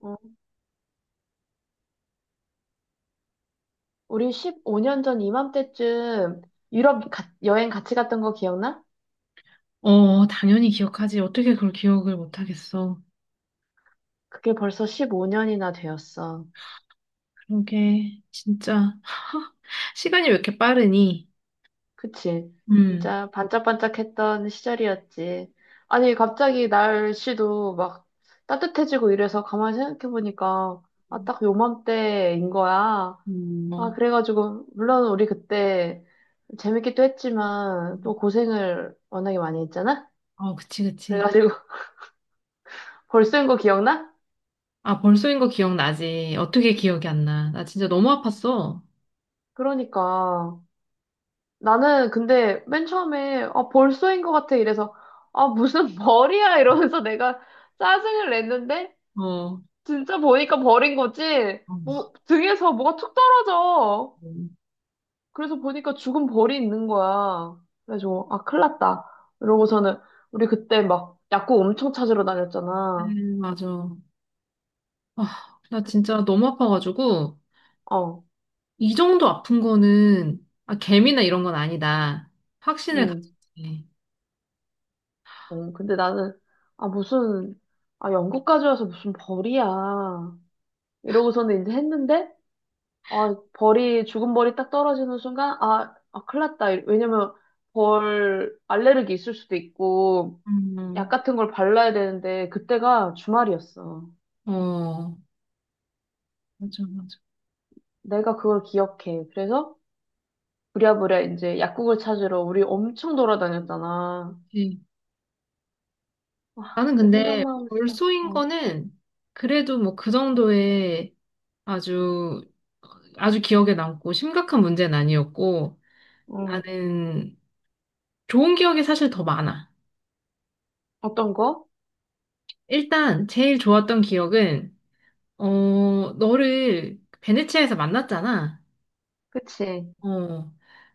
어, 우리 15년 전 이맘때쯤 유럽 여행 같이 갔던 거 기억나? 어, 당연히 기억하지. 어떻게 그걸 기억을 못하겠어. 그게 벌써 15년이나 되었어. 그러게, 진짜. 시간이 왜 이렇게 빠르니? 그치? 음, 진짜 반짝반짝했던 시절이었지. 아니, 갑자기 날씨도 막 따뜻해지고 이래서 가만히 생각해보니까, 아, 딱 요맘때인 거야. 아, 어, 그래가지고, 물론 우리 그때 재밌기도 했지만, 또 고생을 워낙에 많이 했잖아? 어, 그치, 그치. 그래가지고, 벌써인 거 기억나? 아, 벌써인 거 기억나지. 어떻게 기억이 안 나. 나 진짜 너무 아팠어. 그러니까. 나는 근데 맨 처음에 아, 벌써인 것 같아 이래서 아 무슨 벌이야 이러면서 내가 짜증을 냈는데 어, 어, 진짜 보니까 벌인 거지. 뭐 등에서 뭐가 툭 떨어져 음. 그래서 보니까 죽은 벌이 있는 거야. 그래서 아 큰일 났다 이러고서는 우리 그때 막 약국 엄청 찾으러 다녔잖아. 맞아. 아, 나 진짜 너무 아파가지고, 어, 이 정도 아픈 거는, 아, 개미나 이런 건 아니다. 확신을 음, 가졌지. 어, 근데 나는 아 무슨 아 영국까지 와서 무슨 벌이야 이러고서는 이제 했는데 아, 벌이, 죽은 벌이 딱 떨어지는 순간, 아, 아, 큰일 났다. 왜냐면, 벌 알레르기 있을 수도 있고, 약 음. 같은 걸 발라야 되는데, 그때가 주말이었어. 어, 맞아, 맞아. 내가 그걸 기억해. 그래서, 부랴부랴 이제 약국을 찾으러 우리 엄청 돌아다녔잖아. 와, 나는 그때 근데 생각만 하면 진짜, 벌소인 어, 거는 그래도 뭐 그 정도의 아주 아주 기억에 남고 심각한 문제는 아니었고 응. 나는 좋은 기억이 사실 더 많아. 어떤 거? 일단 제일 좋았던 기억은 어 너를 베네치아에서 만났잖아. 그치. 어.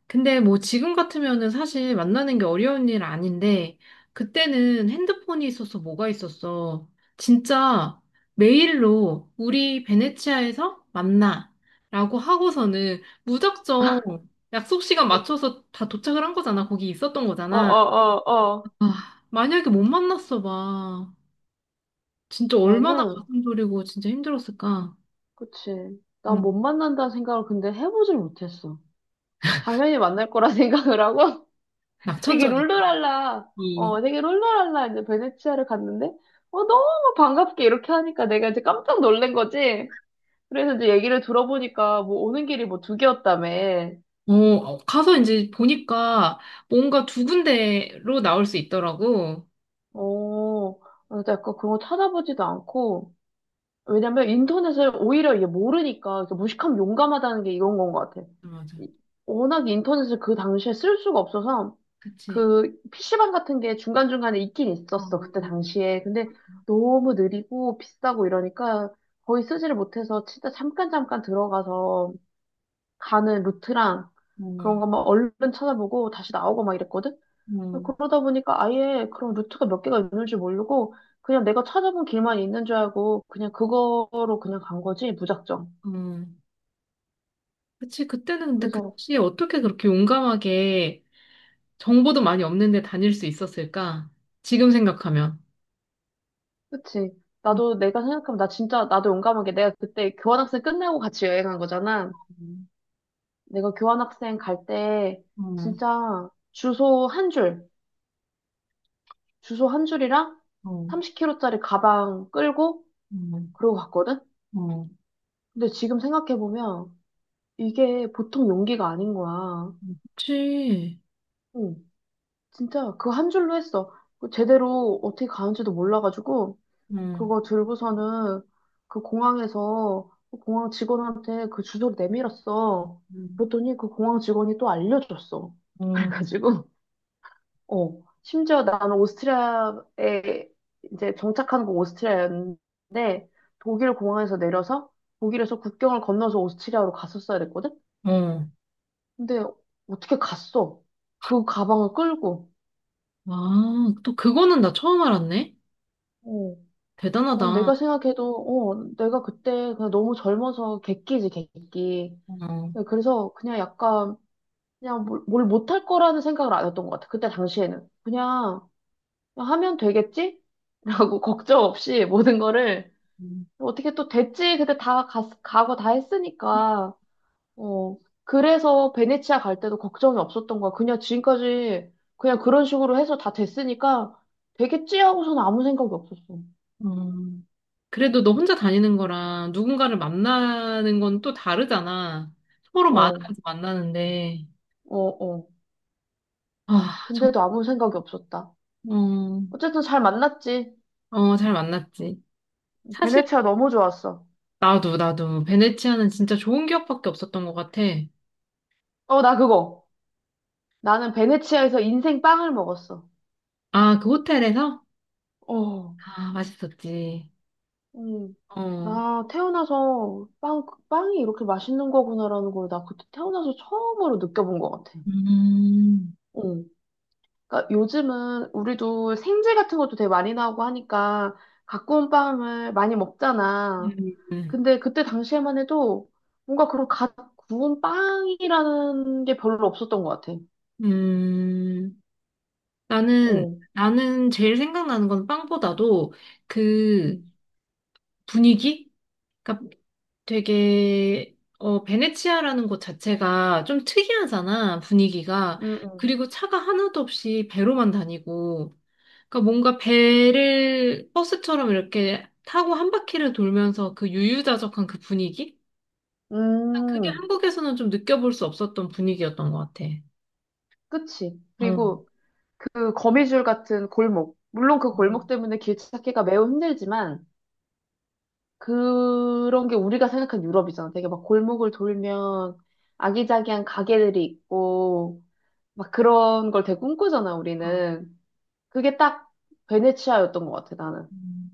근데 뭐 지금 같으면은 사실 만나는 게 어려운 일 아닌데, 그때는 핸드폰이 있어서 뭐가 있었어. 진짜 메일로 우리 베네치아에서 만나. 라고 하고서는 무작정 약속 시간 맞춰서 다 도착을 한 거잖아. 거기 있었던 어, 거잖아. 어, 어, 어. 아, 만약에 못 만났어 봐. 진짜 얼마나 나는, 가슴 졸이고 진짜 힘들었을까. 그치. 나 응. 못 만난다는 생각을 근데 해보질 못했어. 당연히 만날 거라 생각을 하고, 되게 낙천전이다. 룰루랄라, 되게 룰루랄라 이제 베네치아를 갔는데, 어, 너무 반갑게 이렇게 하니까 내가 이제 깜짝 놀란 거지. 그래서 이제 얘기를 들어보니까 뭐 오는 길이 뭐 두 개였다며. 어, 어, 가서 이제 보니까 뭔가 두 군데로 나올 수 있더라고. 어, 그래서 약간 그런 거 찾아보지도 않고, 왜냐면 인터넷을 오히려 이게 모르니까 이렇게 무식하면 용감하다는 게 이런 건 것 같아. 맞아. 이- 워낙 인터넷을 그 당시에 쓸 수가 없어서, 그치. 그 PC방 같은 게 중간중간에 있긴 어 있었어. 그때 당시에. 근데 너무 느리고 비싸고 이러니까 거의 쓰지를 못해서 진짜 잠깐 잠깐 들어가서 가는 루트랑 그런 어 거막 얼른 찾아보고 다시 나오고 막 이랬거든. 어 그러다 보니까 아예 그런 루트가 몇 개가 있는 줄 모르고 그냥 내가 찾아본 길만 있는 줄 알고 그냥 그거로 그냥 간 거지 무작정. 어, 그치. 그때는 근데 그래서 그치. 어떻게 그렇게 용감하게 정보도 많이 없는데 다닐 수 있었을까? 지금 생각하면. 그치. 나도 내가 생각하면 나 진짜 나도 용감하게 내가 그때 교환학생 끝나고 같이 여행한 거잖아. 음, 내가 교환학생 갈 때 어, 진짜 주소 한 줄이랑 어, 30kg짜리 가방 끌고 음, 그러고 갔거든? 음. 근데 지금 생각해보면 이게 보통 용기가 아닌 거야. 그치. 응, 진짜 그 한 줄로 했어. 그 제대로 어떻게 가는지도 몰라가지고 음, 그거 들고서는 그 공항에서 그 공항 직원한테 그 주소를 내밀었어. 어, 그랬더니 그 공항 직원이 또 알려줬어. 음, 그래가지고 어, 심지어 나는 오스트리아에 이제 정착한 곳 오스트리아였는데 독일 공항에서 내려서 독일에서 국경을 건너서 오스트리아로 갔었어야 됐거든? 어. 근데 어떻게 갔어? 그 가방을 끌고. 아, 또 그거는 나 처음 알았네. 어, 난 대단하다. 내가 생각해도 어, 내가 그때 그냥 너무 젊어서 객기지, 객기. 어. 그래서 그냥 약간 그냥 뭘 못할 거라는 생각을 안 했던 것 같아. 그때 당시에는. 그냥 그냥 하면 되겠지? 라고 걱정 없이 모든 거를 음. 어떻게 또 됐지? 근데 다 가고 다 했으니까. 어. 그래서 베네치아 갈 때도 걱정이 없었던 거야. 그냥 지금까지 그냥 그런 식으로 해서 다 됐으니까 되겠지 하고서는 아무 생각이 없었어. 음. 그래도 너 혼자 다니는 거랑 누군가를 만나는 건 또 다르잖아. 서로 맞아서 어, 만나는데. 어, 어. 아, 근데도 아무 생각이 없었다. 어, 어쨌든 잘 만났지. 어, 잘 만났지. 사실, 베네치아 너무 좋았어. 나도, 나도, 베네치아는 진짜 좋은 기억밖에 없었던 것 같아. 어, 나 그거. 나는 베네치아에서 인생 빵을 먹었어. 아, 그 호텔에서? 어. 아, 맛있었지. 음, 어. 나 태어나서 빵이 이렇게 맛있는 거구나라는 걸 나 그때 태어나서 처음으로 느껴본 것 같아. 음. 응. 그러니까 요즘은 우리도 생제 같은 것도 되게 많이 나오고 하니까 갖고 온 빵을 많이 먹잖아. 음. 근데 그때 당시에만 해도 뭔가 그런 갓 구운 빵이라는 게 별로 없었던 것 같아. 음. 나는, 어. 나는 제일 생각나는 건 빵보다도 그 응응응. 분위기? 그러니까 되게 어 베네치아라는 곳 자체가 좀 특이하잖아, 분위기가. 그리고 차가 하나도 없이 배로만 다니고. 그러니까 뭔가 배를 버스처럼 이렇게 타고 한 바퀴를 돌면서 그 유유자적한 그 분위기? 그게 음, 한국에서는 좀 느껴볼 수 없었던 분위기였던 것 같아. 그치. 어. 그리고 그 거미줄 같은 골목. 물론 그 어, 골목 때문에 길 찾기가 매우 힘들지만, 그런 게 우리가 생각한 유럽이잖아. 되게 막 골목을 돌면 아기자기한 가게들이 있고, 막 그런 걸 되게 꿈꾸잖아, 우리는. 그게 딱 베네치아였던 것 같아, 나는. 음.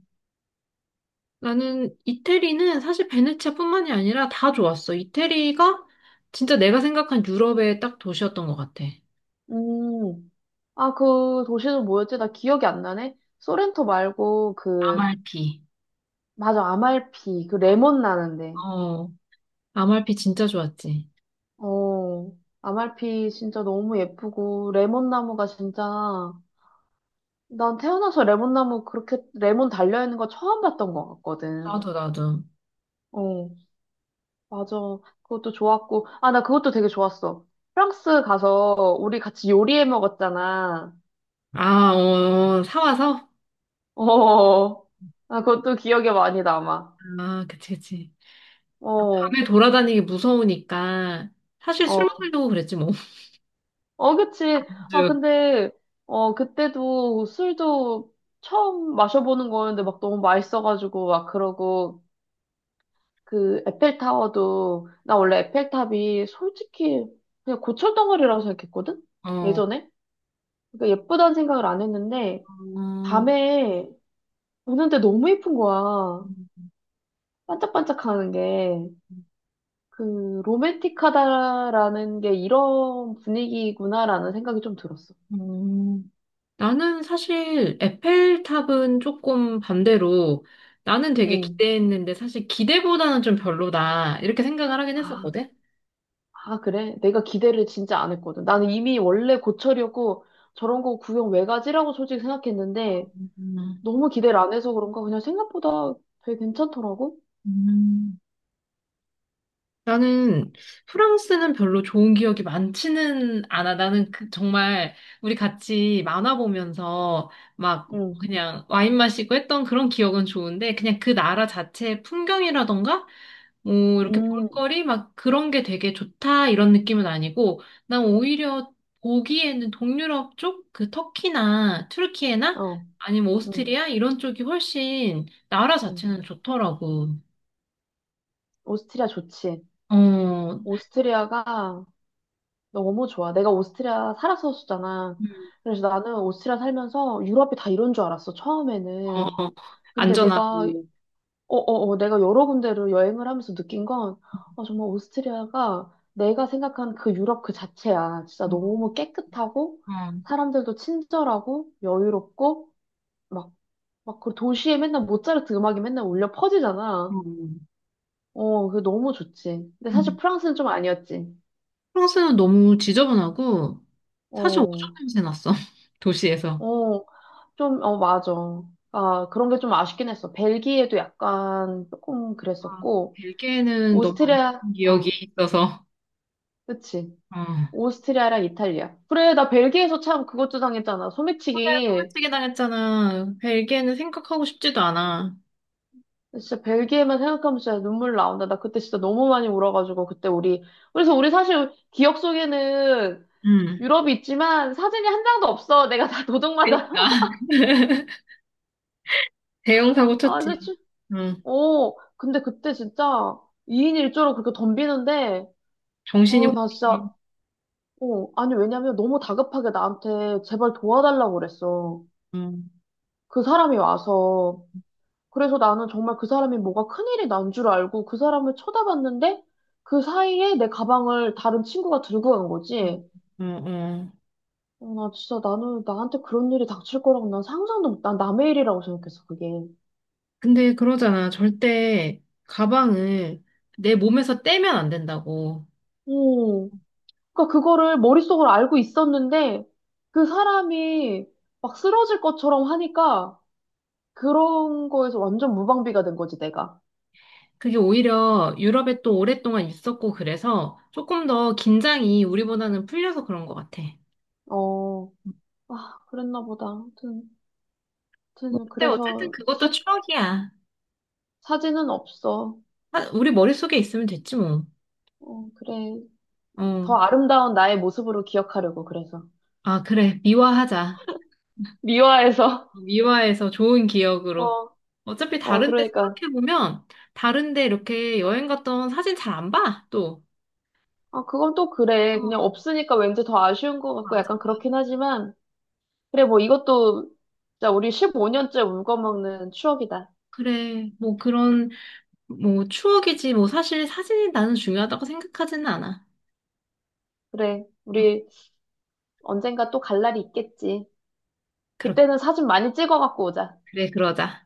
나는 이태리는 사실 베네치아뿐만이 아니라 다 좋았어. 이태리가 진짜 내가 생각한 유럽의 딱 도시였던 것 같아. 음, 아, 그 도시는 뭐였지? 나 기억이 안 나네? 소렌토 말고 그, 아말피. 맞아, 아말피. 그 레몬 나는데. 어, 아말피 진짜 좋았지. 어, 아말피 진짜 너무 예쁘고, 레몬 나무가 진짜 난 태어나서 레몬나무 그렇게 레몬 달려있는 거 처음 봤던 것 같거든. 나도, 나도. 어, 맞아. 그것도 좋았고. 아, 나 그것도 되게 좋았어. 프랑스 가서 우리 같이 요리해 먹었잖아. 아, 어, 어, 사와서? 어, 아, 그것도 기억에 많이 남아. 아, 그치, 그치. 어, 밤에 돌아다니기 무서우니까, 사실 술 어, 먹으려고 그랬지, 뭐. 어, 그치. 아, 쭉. 근데, 어, 그때도 술도 처음 마셔보는 거였는데 막 너무 맛있어가지고 막 그러고 그 에펠타워도 나 원래 에펠탑이 솔직히 그냥 고철덩어리라고 생각했거든? 어. 예전에? 그러니까 예쁘다는 생각을 안 했는데 음, 밤에 보는데 너무 예쁜 거야. 반짝반짝하는 게. 그 로맨틱하다라는 게 이런 분위기구나라는 생각이 좀 들었어. 음. 나는 사실 에펠탑은 조금 반대로, 나는 되게 응. 기대했는데, 사실 기대보다는 좀 별로다. 이렇게 생각을 하긴 아, 했었거든. 아, 그래? 내가 기대를 진짜 안 했거든. 나는 이미 원래 고철이었고 저런 거 구경 왜 가지라고 솔직히 생각했는데 음. 너무 기대를 안 해서 그런가 그냥 생각보다 되게 괜찮더라고. 음. 나는 프랑스는 별로 좋은 기억이 많지는 않아. 나는 정말 우리 같이 만화 보면서 막 응, 그냥 와인 마시고 했던 그런 기억은 좋은데 그냥 그 나라 자체의 풍경이라던가 뭐 이렇게 음, 볼거리 막 그런 게 되게 좋다 이런 느낌은 아니고 난 오히려 보기에는 동유럽 쪽 그 터키나 튀르키예나 어, 아니면 음 오스트리아 이런 쪽이 훨씬 나라 음 자체는 좋더라고. 오스트리아 좋지. 어. 오스트리아가 너무 좋아. 내가 오스트리아 살았었잖아. 음. 그래서 나는 오스트리아 살면서 유럽이 다 이런 줄 알았어. 어, 처음에는. 어. 근데 내가 안전하고. 어, 어, 어, 내가 여러 군데로 여행을 하면서 느낀 건 어, 정말 오스트리아가 내가 생각한 그 유럽 그 자체야. 진짜 너무 깨끗하고 어, 사람들도 친절하고 여유롭고 막 막 그 도시에 맨날 모차르트 음악이 맨날 울려 퍼지잖아. 어, 어, 그게 너무 좋지. 근데 어. 사실 음. 프랑스는 좀 아니었지. 프랑스는 너무 지저분하고 사실 어, 오줌 냄새 났어. 도시에서. 어, 좀, 어, 맞아. 아, 그런 게 좀 아쉽긴 했어. 벨기에도 약간 조금 아, 그랬었고, 벨기에는 너무 안 오스트리아, 좋은 기억이 어, 있어서. 그치. 어. 오스트리아랑 이탈리아. 그래, 나 벨기에에서 참 그것도 당했잖아. 소매치기. 소매치기 당했잖아. 벨기에는 생각하고 싶지도 않아. 진짜 벨기에만 생각하면 진짜 눈물 나온다. 나 그때 진짜 너무 많이 울어가지고, 그때 우리, 그래서 우리 사실 기억 속에는 음. 유럽이 있지만 사진이 한 장도 없어. 내가 다 도둑맞아. 그러니까 대형 사고 아, 진짜. 쳤지. 응 어, 근데 그때 진짜 2인 1조로 그렇게 덤비는데, 정신이 아, 나 진짜, 혼미. 어, 아니, 왜냐면 너무 다급하게 나한테 제발 도와달라고 그랬어. 응 그 사람이 와서. 그래서 나는 정말 그 사람이 뭐가 큰일이 난 줄 알고 그 사람을 쳐다봤는데, 그 사이에 내 가방을 다른 친구가 들고 간 거지. 어, 어. 어, 나 진짜 나는 나한테 그런 일이 닥칠 거라고 난 상상도 못, 난 남의 일이라고 생각했어, 그게. 근데 그러잖아. 절대 가방을 내 몸에서 떼면 안 된다고. 어. 그러니까 그거를 머릿속으로 알고 있었는데 그 사람이 막 쓰러질 것처럼 하니까 그런 거에서 완전 무방비가 된 거지, 내가. 그게 오히려 유럽에 또 오랫동안 있었고 그래서 조금 더 긴장이 우리보다는 풀려서 그런 것 같아. 어, 아, 그랬나 보다. 아무튼, 뭐, 아무튼 근데 그래서 어쨌든 그것도 추억이야. 사진은 없어. 아, 우리 머릿속에 있으면 됐지 뭐. 어, 그래. 어. 더 아름다운 나의 모습으로 기억하려고, 그래서. 아, 그래. 미화하자. 미화해서. 미화해서 좋은 어, 기억으로. 어차피 어, 다른데 그러니까. 생각해보면 다른데 이렇게 여행 갔던 사진 잘 안 봐, 또. 아, 그건 또 그래. 그냥 어, 없으니까 왠지 더 아쉬운 것 같고 맞아. 약간 그렇긴 하지만, 그래, 뭐 이것도 진짜 우리 15년째 울고 먹는 추억이다. 그래. 뭐 그런 뭐 추억이지. 뭐 사실 사진이 나는 중요하다고 생각하지는 않아. 그래, 음, 우리 언젠가 또 갈 날이 있겠지. 그렇게. 그때는 사진 많이 찍어갖고 오자. 그래, 그러자.